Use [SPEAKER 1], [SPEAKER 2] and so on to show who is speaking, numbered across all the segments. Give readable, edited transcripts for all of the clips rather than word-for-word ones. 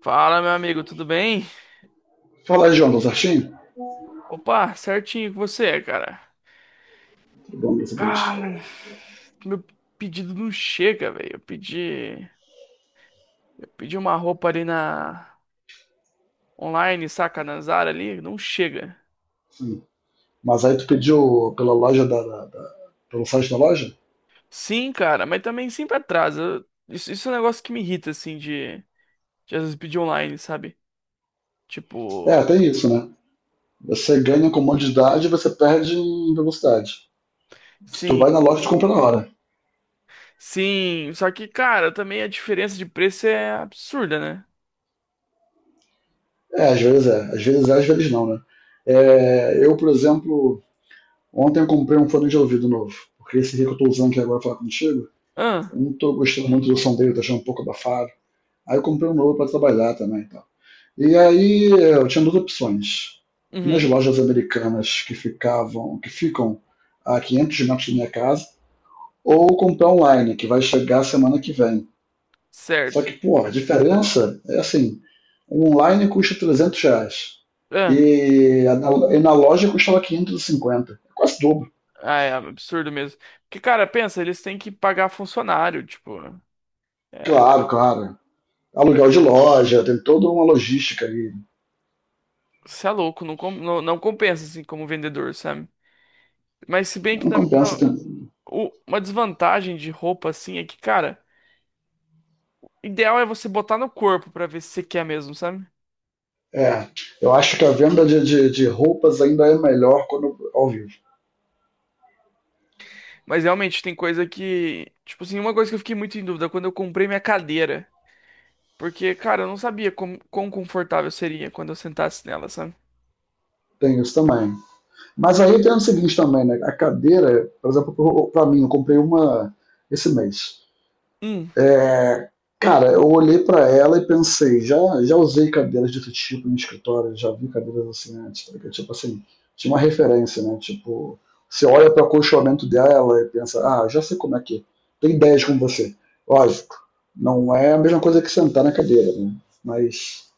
[SPEAKER 1] Fala, meu amigo, tudo bem?
[SPEAKER 2] Falar, João, do certinho?
[SPEAKER 1] Opa, certinho com você, cara.
[SPEAKER 2] Tudo bom, graças a Deus.
[SPEAKER 1] Cara, meu pedido não chega, velho. Eu pedi uma roupa ali na online, saca, na Zara ali, não chega.
[SPEAKER 2] Sim. Mas aí tu pediu pela loja pelo site da loja?
[SPEAKER 1] Sim, cara, mas também sempre atrasa. Isso é um negócio que me irrita, assim, de às vezes pedir online, sabe?
[SPEAKER 2] É,
[SPEAKER 1] Tipo,
[SPEAKER 2] tem isso, né? Você ganha comodidade e você perde em velocidade. Se tu vai
[SPEAKER 1] sim,
[SPEAKER 2] na loja, tu compra na hora.
[SPEAKER 1] sim. Só que, cara, também a diferença de preço é absurda, né?
[SPEAKER 2] É, às vezes é. Às vezes é, às vezes não, né? É, eu, por exemplo, ontem eu comprei um fone de ouvido novo. Porque esse aqui que eu tô usando aqui agora pra falar contigo, eu
[SPEAKER 1] Ah,
[SPEAKER 2] não tô gostando muito do som dele, tá achando um pouco abafado. Aí eu comprei um novo pra trabalhar também e tal. E aí eu tinha duas opções. Ir nas
[SPEAKER 1] uhum,
[SPEAKER 2] lojas americanas que ficam a 500 metros da minha casa, ou comprar online, que vai chegar semana que vem. Só
[SPEAKER 1] certo.
[SPEAKER 2] que, pô, a diferença é assim, o online custa R$ 300 e na loja custava 550, é quase dobro.
[SPEAKER 1] Ah, é absurdo mesmo. Porque, cara, pensa, eles têm que pagar funcionário, tipo,
[SPEAKER 2] Claro, claro. Aluguel de loja, tem toda uma logística aí.
[SPEAKER 1] você é louco, não, não, não compensa, assim, como vendedor, sabe? Mas se bem que
[SPEAKER 2] Não
[SPEAKER 1] também
[SPEAKER 2] compensa.
[SPEAKER 1] ó, uma desvantagem de roupa, assim, é que, cara, ideal é você botar no corpo pra ver se você quer mesmo, sabe?
[SPEAKER 2] É, eu acho que a venda de roupas ainda é melhor quando ao vivo.
[SPEAKER 1] Mas realmente tem coisa que, tipo assim, uma coisa que eu fiquei muito em dúvida quando eu comprei minha cadeira, porque, cara, eu não sabia como, quão confortável seria quando eu sentasse nela, sabe?
[SPEAKER 2] Tem isso também. Mas aí tem o seguinte também, né? A cadeira, por exemplo, para mim, eu comprei uma esse mês.
[SPEAKER 1] Hum,
[SPEAKER 2] Cara, eu olhei para ela e pensei, já usei cadeiras desse tipo em escritório, já vi cadeiras assim antes, porque, tipo assim, tinha uma referência, né? Tipo, você olha para o acolchoamento dela e pensa, ah, já sei como é que é. Tem ideias com você. Lógico, não é a mesma coisa que sentar na cadeira, né? Mas,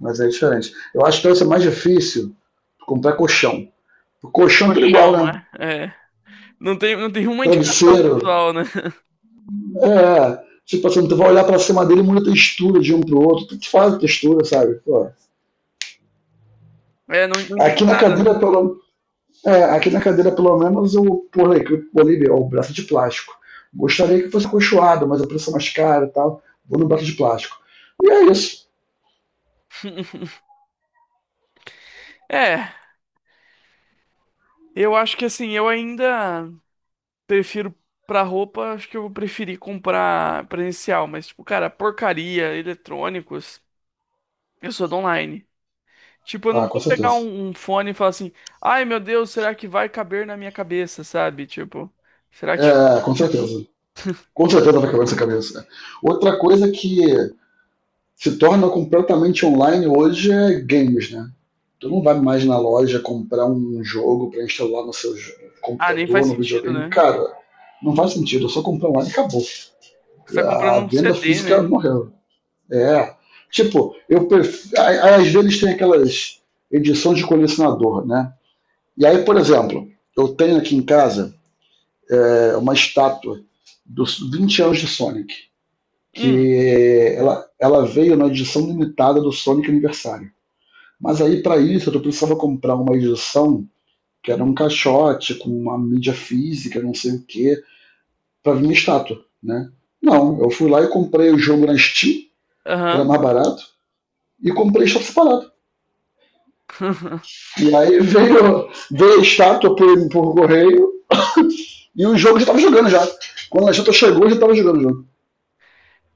[SPEAKER 2] mas é diferente. Eu acho que deve ser mais difícil comprar colchão. O colchão é tudo igual,
[SPEAKER 1] colchão,
[SPEAKER 2] né?
[SPEAKER 1] né? É. Não tem uma indicação
[SPEAKER 2] Travesseiro.
[SPEAKER 1] visual, né?
[SPEAKER 2] É, tipo assim, tu vai olhar pra cima dele e muda a textura de um pro outro. Tu faz a textura, sabe? Pô.
[SPEAKER 1] É, não indica
[SPEAKER 2] Aqui na
[SPEAKER 1] nada, né?
[SPEAKER 2] cadeira, pelo, é, aqui na cadeira, pelo menos, eu pulei o braço de plástico. Gostaria que fosse cochoado, mas a pressão mais cara e tal. Vou no braço de plástico. E é isso.
[SPEAKER 1] É, eu acho que assim, eu ainda prefiro pra roupa, acho que eu vou preferir comprar presencial, mas tipo, cara, porcaria, eletrônicos, eu sou do online. Tipo, eu não
[SPEAKER 2] Ah, com
[SPEAKER 1] vou pegar
[SPEAKER 2] certeza.
[SPEAKER 1] um fone e falar assim, ai meu Deus, será que vai caber na minha cabeça, sabe? Tipo, será que.
[SPEAKER 2] É, com certeza. Com certeza vai quebrar essa cabeça. Outra coisa que se torna completamente online hoje é games, né? Tu não vai mais na loja comprar um jogo para instalar no seu
[SPEAKER 1] Ah, nem
[SPEAKER 2] computador,
[SPEAKER 1] faz
[SPEAKER 2] no
[SPEAKER 1] sentido,
[SPEAKER 2] videogame.
[SPEAKER 1] né?
[SPEAKER 2] Cara, não faz sentido. Eu só comprei online e acabou.
[SPEAKER 1] Você tá comprando
[SPEAKER 2] A
[SPEAKER 1] um
[SPEAKER 2] venda
[SPEAKER 1] CD,
[SPEAKER 2] física
[SPEAKER 1] né?
[SPEAKER 2] morreu. É. Tipo, eu prefiro, às vezes tem aquelas edições de colecionador, né? E aí, por exemplo, eu tenho aqui em casa uma estátua dos 20 anos de Sonic,
[SPEAKER 1] Hum,
[SPEAKER 2] que ela veio na edição limitada do Sonic Aniversário. Mas aí, para isso, eu precisava comprar uma edição que era um caixote com uma mídia física, não sei o que, para vir minha estátua, né? Não, eu fui lá e comprei o jogo na Steam, que era
[SPEAKER 1] aham.
[SPEAKER 2] mais barato, e comprei a estátua separada. E aí veio a estátua por correio e o jogo já estava jogando já. Quando a estátua chegou, já estava jogando o jogo.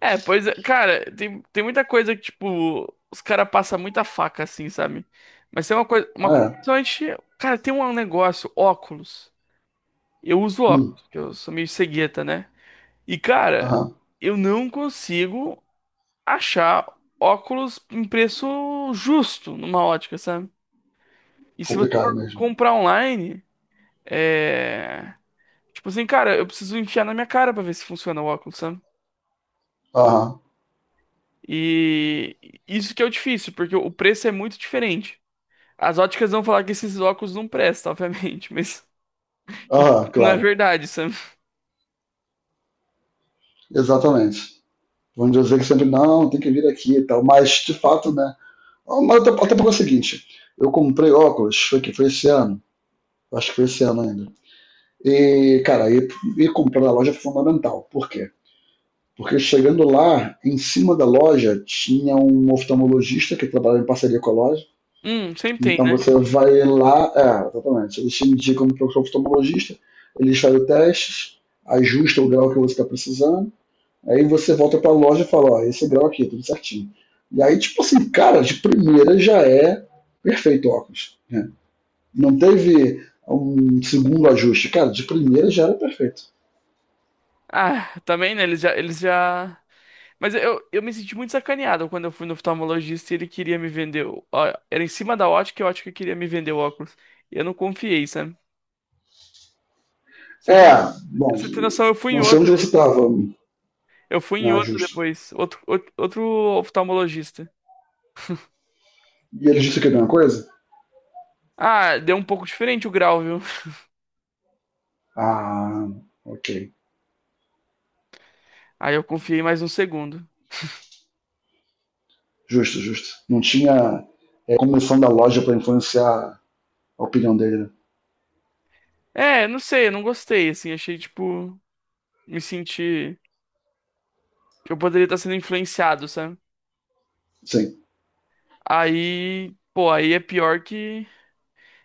[SPEAKER 1] É, pois é, cara, tem, tem muita coisa que, tipo, os caras passam muita faca, assim, sabe? Mas tem uma coisa, uma
[SPEAKER 2] Ah,
[SPEAKER 1] coisa,
[SPEAKER 2] é.
[SPEAKER 1] principalmente, cara, tem um negócio, óculos. Eu uso
[SPEAKER 2] Hum,
[SPEAKER 1] óculos, porque eu sou meio cegueta, né? E, cara,
[SPEAKER 2] aham.
[SPEAKER 1] eu não consigo achar óculos em preço justo numa ótica, sabe? E se você for
[SPEAKER 2] Complicado mesmo.
[SPEAKER 1] comprar online, é... tipo assim, cara, eu preciso enfiar na minha cara pra ver se funciona o óculos, sabe?
[SPEAKER 2] Aham,
[SPEAKER 1] E isso que é o difícil, porque o preço é muito diferente. As óticas vão falar que esses óculos não prestam, obviamente, mas a gente
[SPEAKER 2] aham,
[SPEAKER 1] sabe que não é
[SPEAKER 2] claro.
[SPEAKER 1] verdade, sabe?
[SPEAKER 2] Exatamente. Vamos dizer que sempre, não, tem que vir aqui e tal. Mas, de fato, né? Mas até porque é o seguinte, eu comprei óculos, foi que foi esse ano, acho que foi esse ano ainda. E, cara, ir comprar na loja foi fundamental. Por quê? Porque chegando lá, em cima da loja, tinha um oftalmologista que trabalhava em parceria com a loja.
[SPEAKER 1] Sempre tem,
[SPEAKER 2] Então
[SPEAKER 1] né?
[SPEAKER 2] você vai lá, é, exatamente. Eles te indicam para o oftalmologista, eles fazem testes, ajustam o grau que você está precisando. Aí você volta pra loja e fala, ó, esse grau aqui, tudo certinho. E aí, tipo assim, cara, de primeira já é perfeito o óculos. Né? Não teve um segundo ajuste. Cara, de primeira já era perfeito.
[SPEAKER 1] Ah, também, né? Eles já... Mas eu me senti muito sacaneado quando eu fui no oftalmologista e ele queria me vender... ó, era em cima da ótica e a ótica queria me vender o óculos. E eu não confiei, sabe? Você tem,
[SPEAKER 2] É,
[SPEAKER 1] no-
[SPEAKER 2] bom,
[SPEAKER 1] Você tem noção, eu fui em
[SPEAKER 2] não sei
[SPEAKER 1] outro...
[SPEAKER 2] onde você tava,
[SPEAKER 1] Eu fui em
[SPEAKER 2] né,
[SPEAKER 1] outro
[SPEAKER 2] justo.
[SPEAKER 1] depois. Outro oftalmologista.
[SPEAKER 2] E eles disseram que é a mesma coisa?
[SPEAKER 1] Ah, deu um pouco diferente o grau, viu?
[SPEAKER 2] Ah, ok.
[SPEAKER 1] Aí eu confiei mais um segundo.
[SPEAKER 2] Justo, justo. Não tinha comissão da loja para influenciar a opinião dele. Né?
[SPEAKER 1] É, não sei, eu não gostei, assim, achei tipo. Me sentir que eu poderia estar sendo influenciado, sabe?
[SPEAKER 2] Sim.
[SPEAKER 1] Aí, pô, aí é pior que.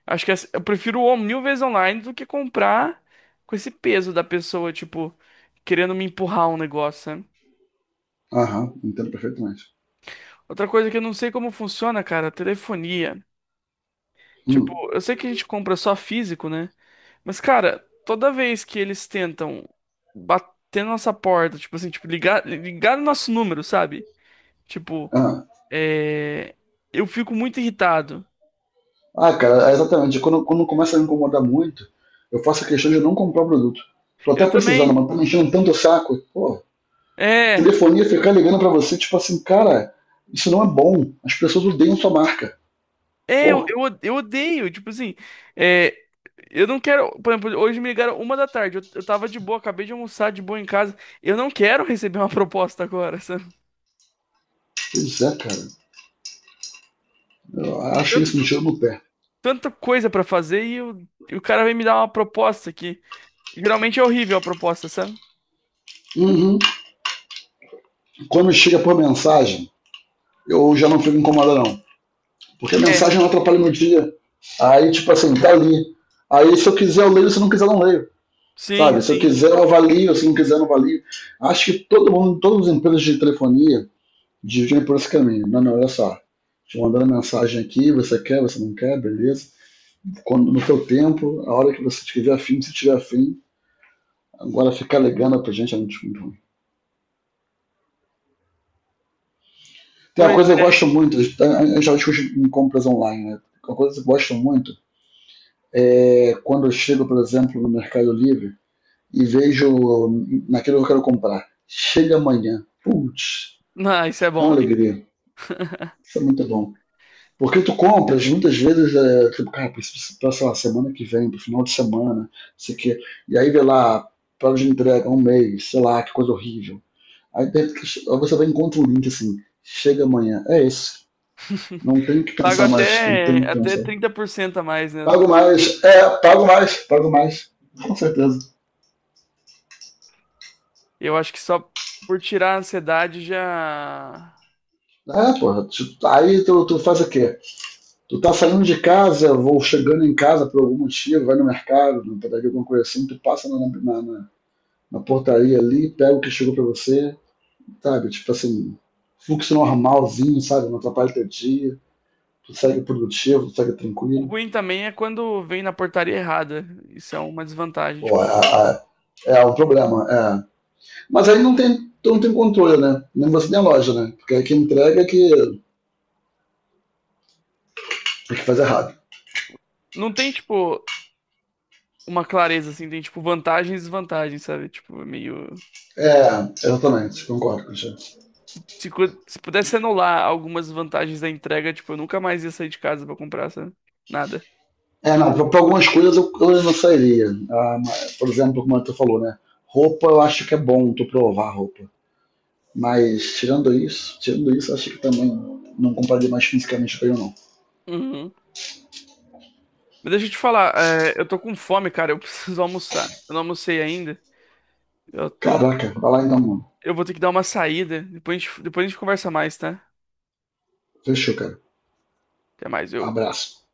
[SPEAKER 1] Eu prefiro o mil vezes online do que comprar com esse peso da pessoa, tipo, querendo me empurrar um negócio, sabe?
[SPEAKER 2] Aham, entendo perfeitamente.
[SPEAKER 1] Outra coisa que eu não sei como funciona, cara, é telefonia. Tipo,
[SPEAKER 2] Hum,
[SPEAKER 1] eu sei que a gente compra só físico, né? Mas, cara, toda vez que eles tentam bater na nossa porta, tipo assim, tipo, ligar no nosso número, sabe? Tipo,
[SPEAKER 2] ah,
[SPEAKER 1] é... eu fico muito irritado.
[SPEAKER 2] Ah, cara, é exatamente. Quando começa a me incomodar muito, eu faço a questão de não comprar o produto. Tô até
[SPEAKER 1] Eu
[SPEAKER 2] precisando,
[SPEAKER 1] também.
[SPEAKER 2] mas tá me enchendo tanto o saco. Pô,
[SPEAKER 1] É.
[SPEAKER 2] telefonia ficar ligando pra você, tipo assim, cara, isso não é bom. As pessoas odeiam sua marca.
[SPEAKER 1] É,
[SPEAKER 2] Pô,
[SPEAKER 1] eu odeio. Tipo assim, é, eu não quero. Por exemplo, hoje me ligaram uma da tarde. Eu tava de boa, acabei de almoçar de boa em casa. Eu não quero receber uma proposta agora, sabe?
[SPEAKER 2] pois é, cara. Eu acho
[SPEAKER 1] Tanto,
[SPEAKER 2] isso um
[SPEAKER 1] de-
[SPEAKER 2] tiro no pé.
[SPEAKER 1] Tanta coisa pra fazer e, e o cara vem me dar uma proposta aqui. Geralmente é horrível a proposta, sabe?
[SPEAKER 2] Uhum. Quando chega por mensagem, eu já não fico incomodado, não. Porque a
[SPEAKER 1] É.
[SPEAKER 2] mensagem não atrapalha meu dia. Aí, tipo assim, tá ali. Aí, se eu quiser, eu leio. Se eu não quiser, eu não leio.
[SPEAKER 1] Sim,
[SPEAKER 2] Sabe, se eu
[SPEAKER 1] sim.
[SPEAKER 2] quiser, eu avalio, se não quiser, eu não avalio. Acho que todo mundo, todas as empresas de telefonia dividem por esse caminho. Não, não, olha só. Te mandando mensagem aqui, você quer, você não quer, beleza. Quando, no seu tempo, a hora que você tiver afim, se tiver afim, agora ficar ligando pra gente é muito, muito ruim. Tem uma
[SPEAKER 1] Pois
[SPEAKER 2] coisa que
[SPEAKER 1] é.
[SPEAKER 2] eu gosto muito, a gente já discute em compras online, né? Uma coisa que eu gosto muito é quando eu chego, por exemplo, no Mercado Livre e vejo naquilo que eu quero comprar. Chega amanhã. Putz,
[SPEAKER 1] Não, isso é
[SPEAKER 2] é uma
[SPEAKER 1] bom, hein?
[SPEAKER 2] alegria. Isso é muito bom. Porque tu compras, muitas vezes, é, tipo, cara, preciso pra, sei lá, semana que vem, pro final de semana, sei que. E aí vê lá, prazo de entrega, um mês, sei lá, que coisa horrível. Aí de repente, aí você vai e encontra um link assim, chega amanhã, é isso. Não tenho que
[SPEAKER 1] Pago
[SPEAKER 2] pensar mais, não tenho
[SPEAKER 1] até,
[SPEAKER 2] que
[SPEAKER 1] até
[SPEAKER 2] pensar.
[SPEAKER 1] 30% a mais, né?
[SPEAKER 2] Pago mais, pago mais. Com certeza.
[SPEAKER 1] Eu acho que só por tirar a ansiedade já.
[SPEAKER 2] É, porra, tu faz o quê? Tu tá saindo de casa, ou chegando em casa por algum motivo, vai no mercado, na padaria, alguma coisa assim, tu passa na portaria ali, pega o que chegou para você, sabe? Tipo assim, fluxo normalzinho, sabe? Não atrapalha teu dia, tu segue produtivo, tu segue
[SPEAKER 1] O
[SPEAKER 2] tranquilo.
[SPEAKER 1] ruim também é quando vem na portaria errada. Isso é uma desvantagem,
[SPEAKER 2] Pô,
[SPEAKER 1] tipo,
[SPEAKER 2] é o problema. É. Mas aí não tem, tu não tem controle, né? Nem você nem a loja, né? Porque aí quem entrega é que faz errado.
[SPEAKER 1] não tem tipo uma clareza assim, tem tipo vantagens e desvantagens, sabe? Tipo, é meio
[SPEAKER 2] É, exatamente, concordo, Cristiano.
[SPEAKER 1] se pudesse anular algumas vantagens da entrega, tipo, eu nunca mais ia sair de casa pra comprar, sabe? Nada.
[SPEAKER 2] É, não, pra algumas coisas eu não sairia. Ah, mas, por exemplo, como tu falou, né? Roupa eu acho que é bom tu provar roupa. Mas tirando isso, acho que também não compraria mais fisicamente pra ele, não.
[SPEAKER 1] Uhum. Mas deixa eu te falar, é, eu tô com fome, cara, eu preciso almoçar. Eu não almocei ainda. Eu tô,
[SPEAKER 2] Caraca, vai lá então, mano.
[SPEAKER 1] eu vou ter que dar uma saída. Depois a gente conversa mais, tá?
[SPEAKER 2] Fechou, cara.
[SPEAKER 1] Até mais, eu
[SPEAKER 2] Abraço.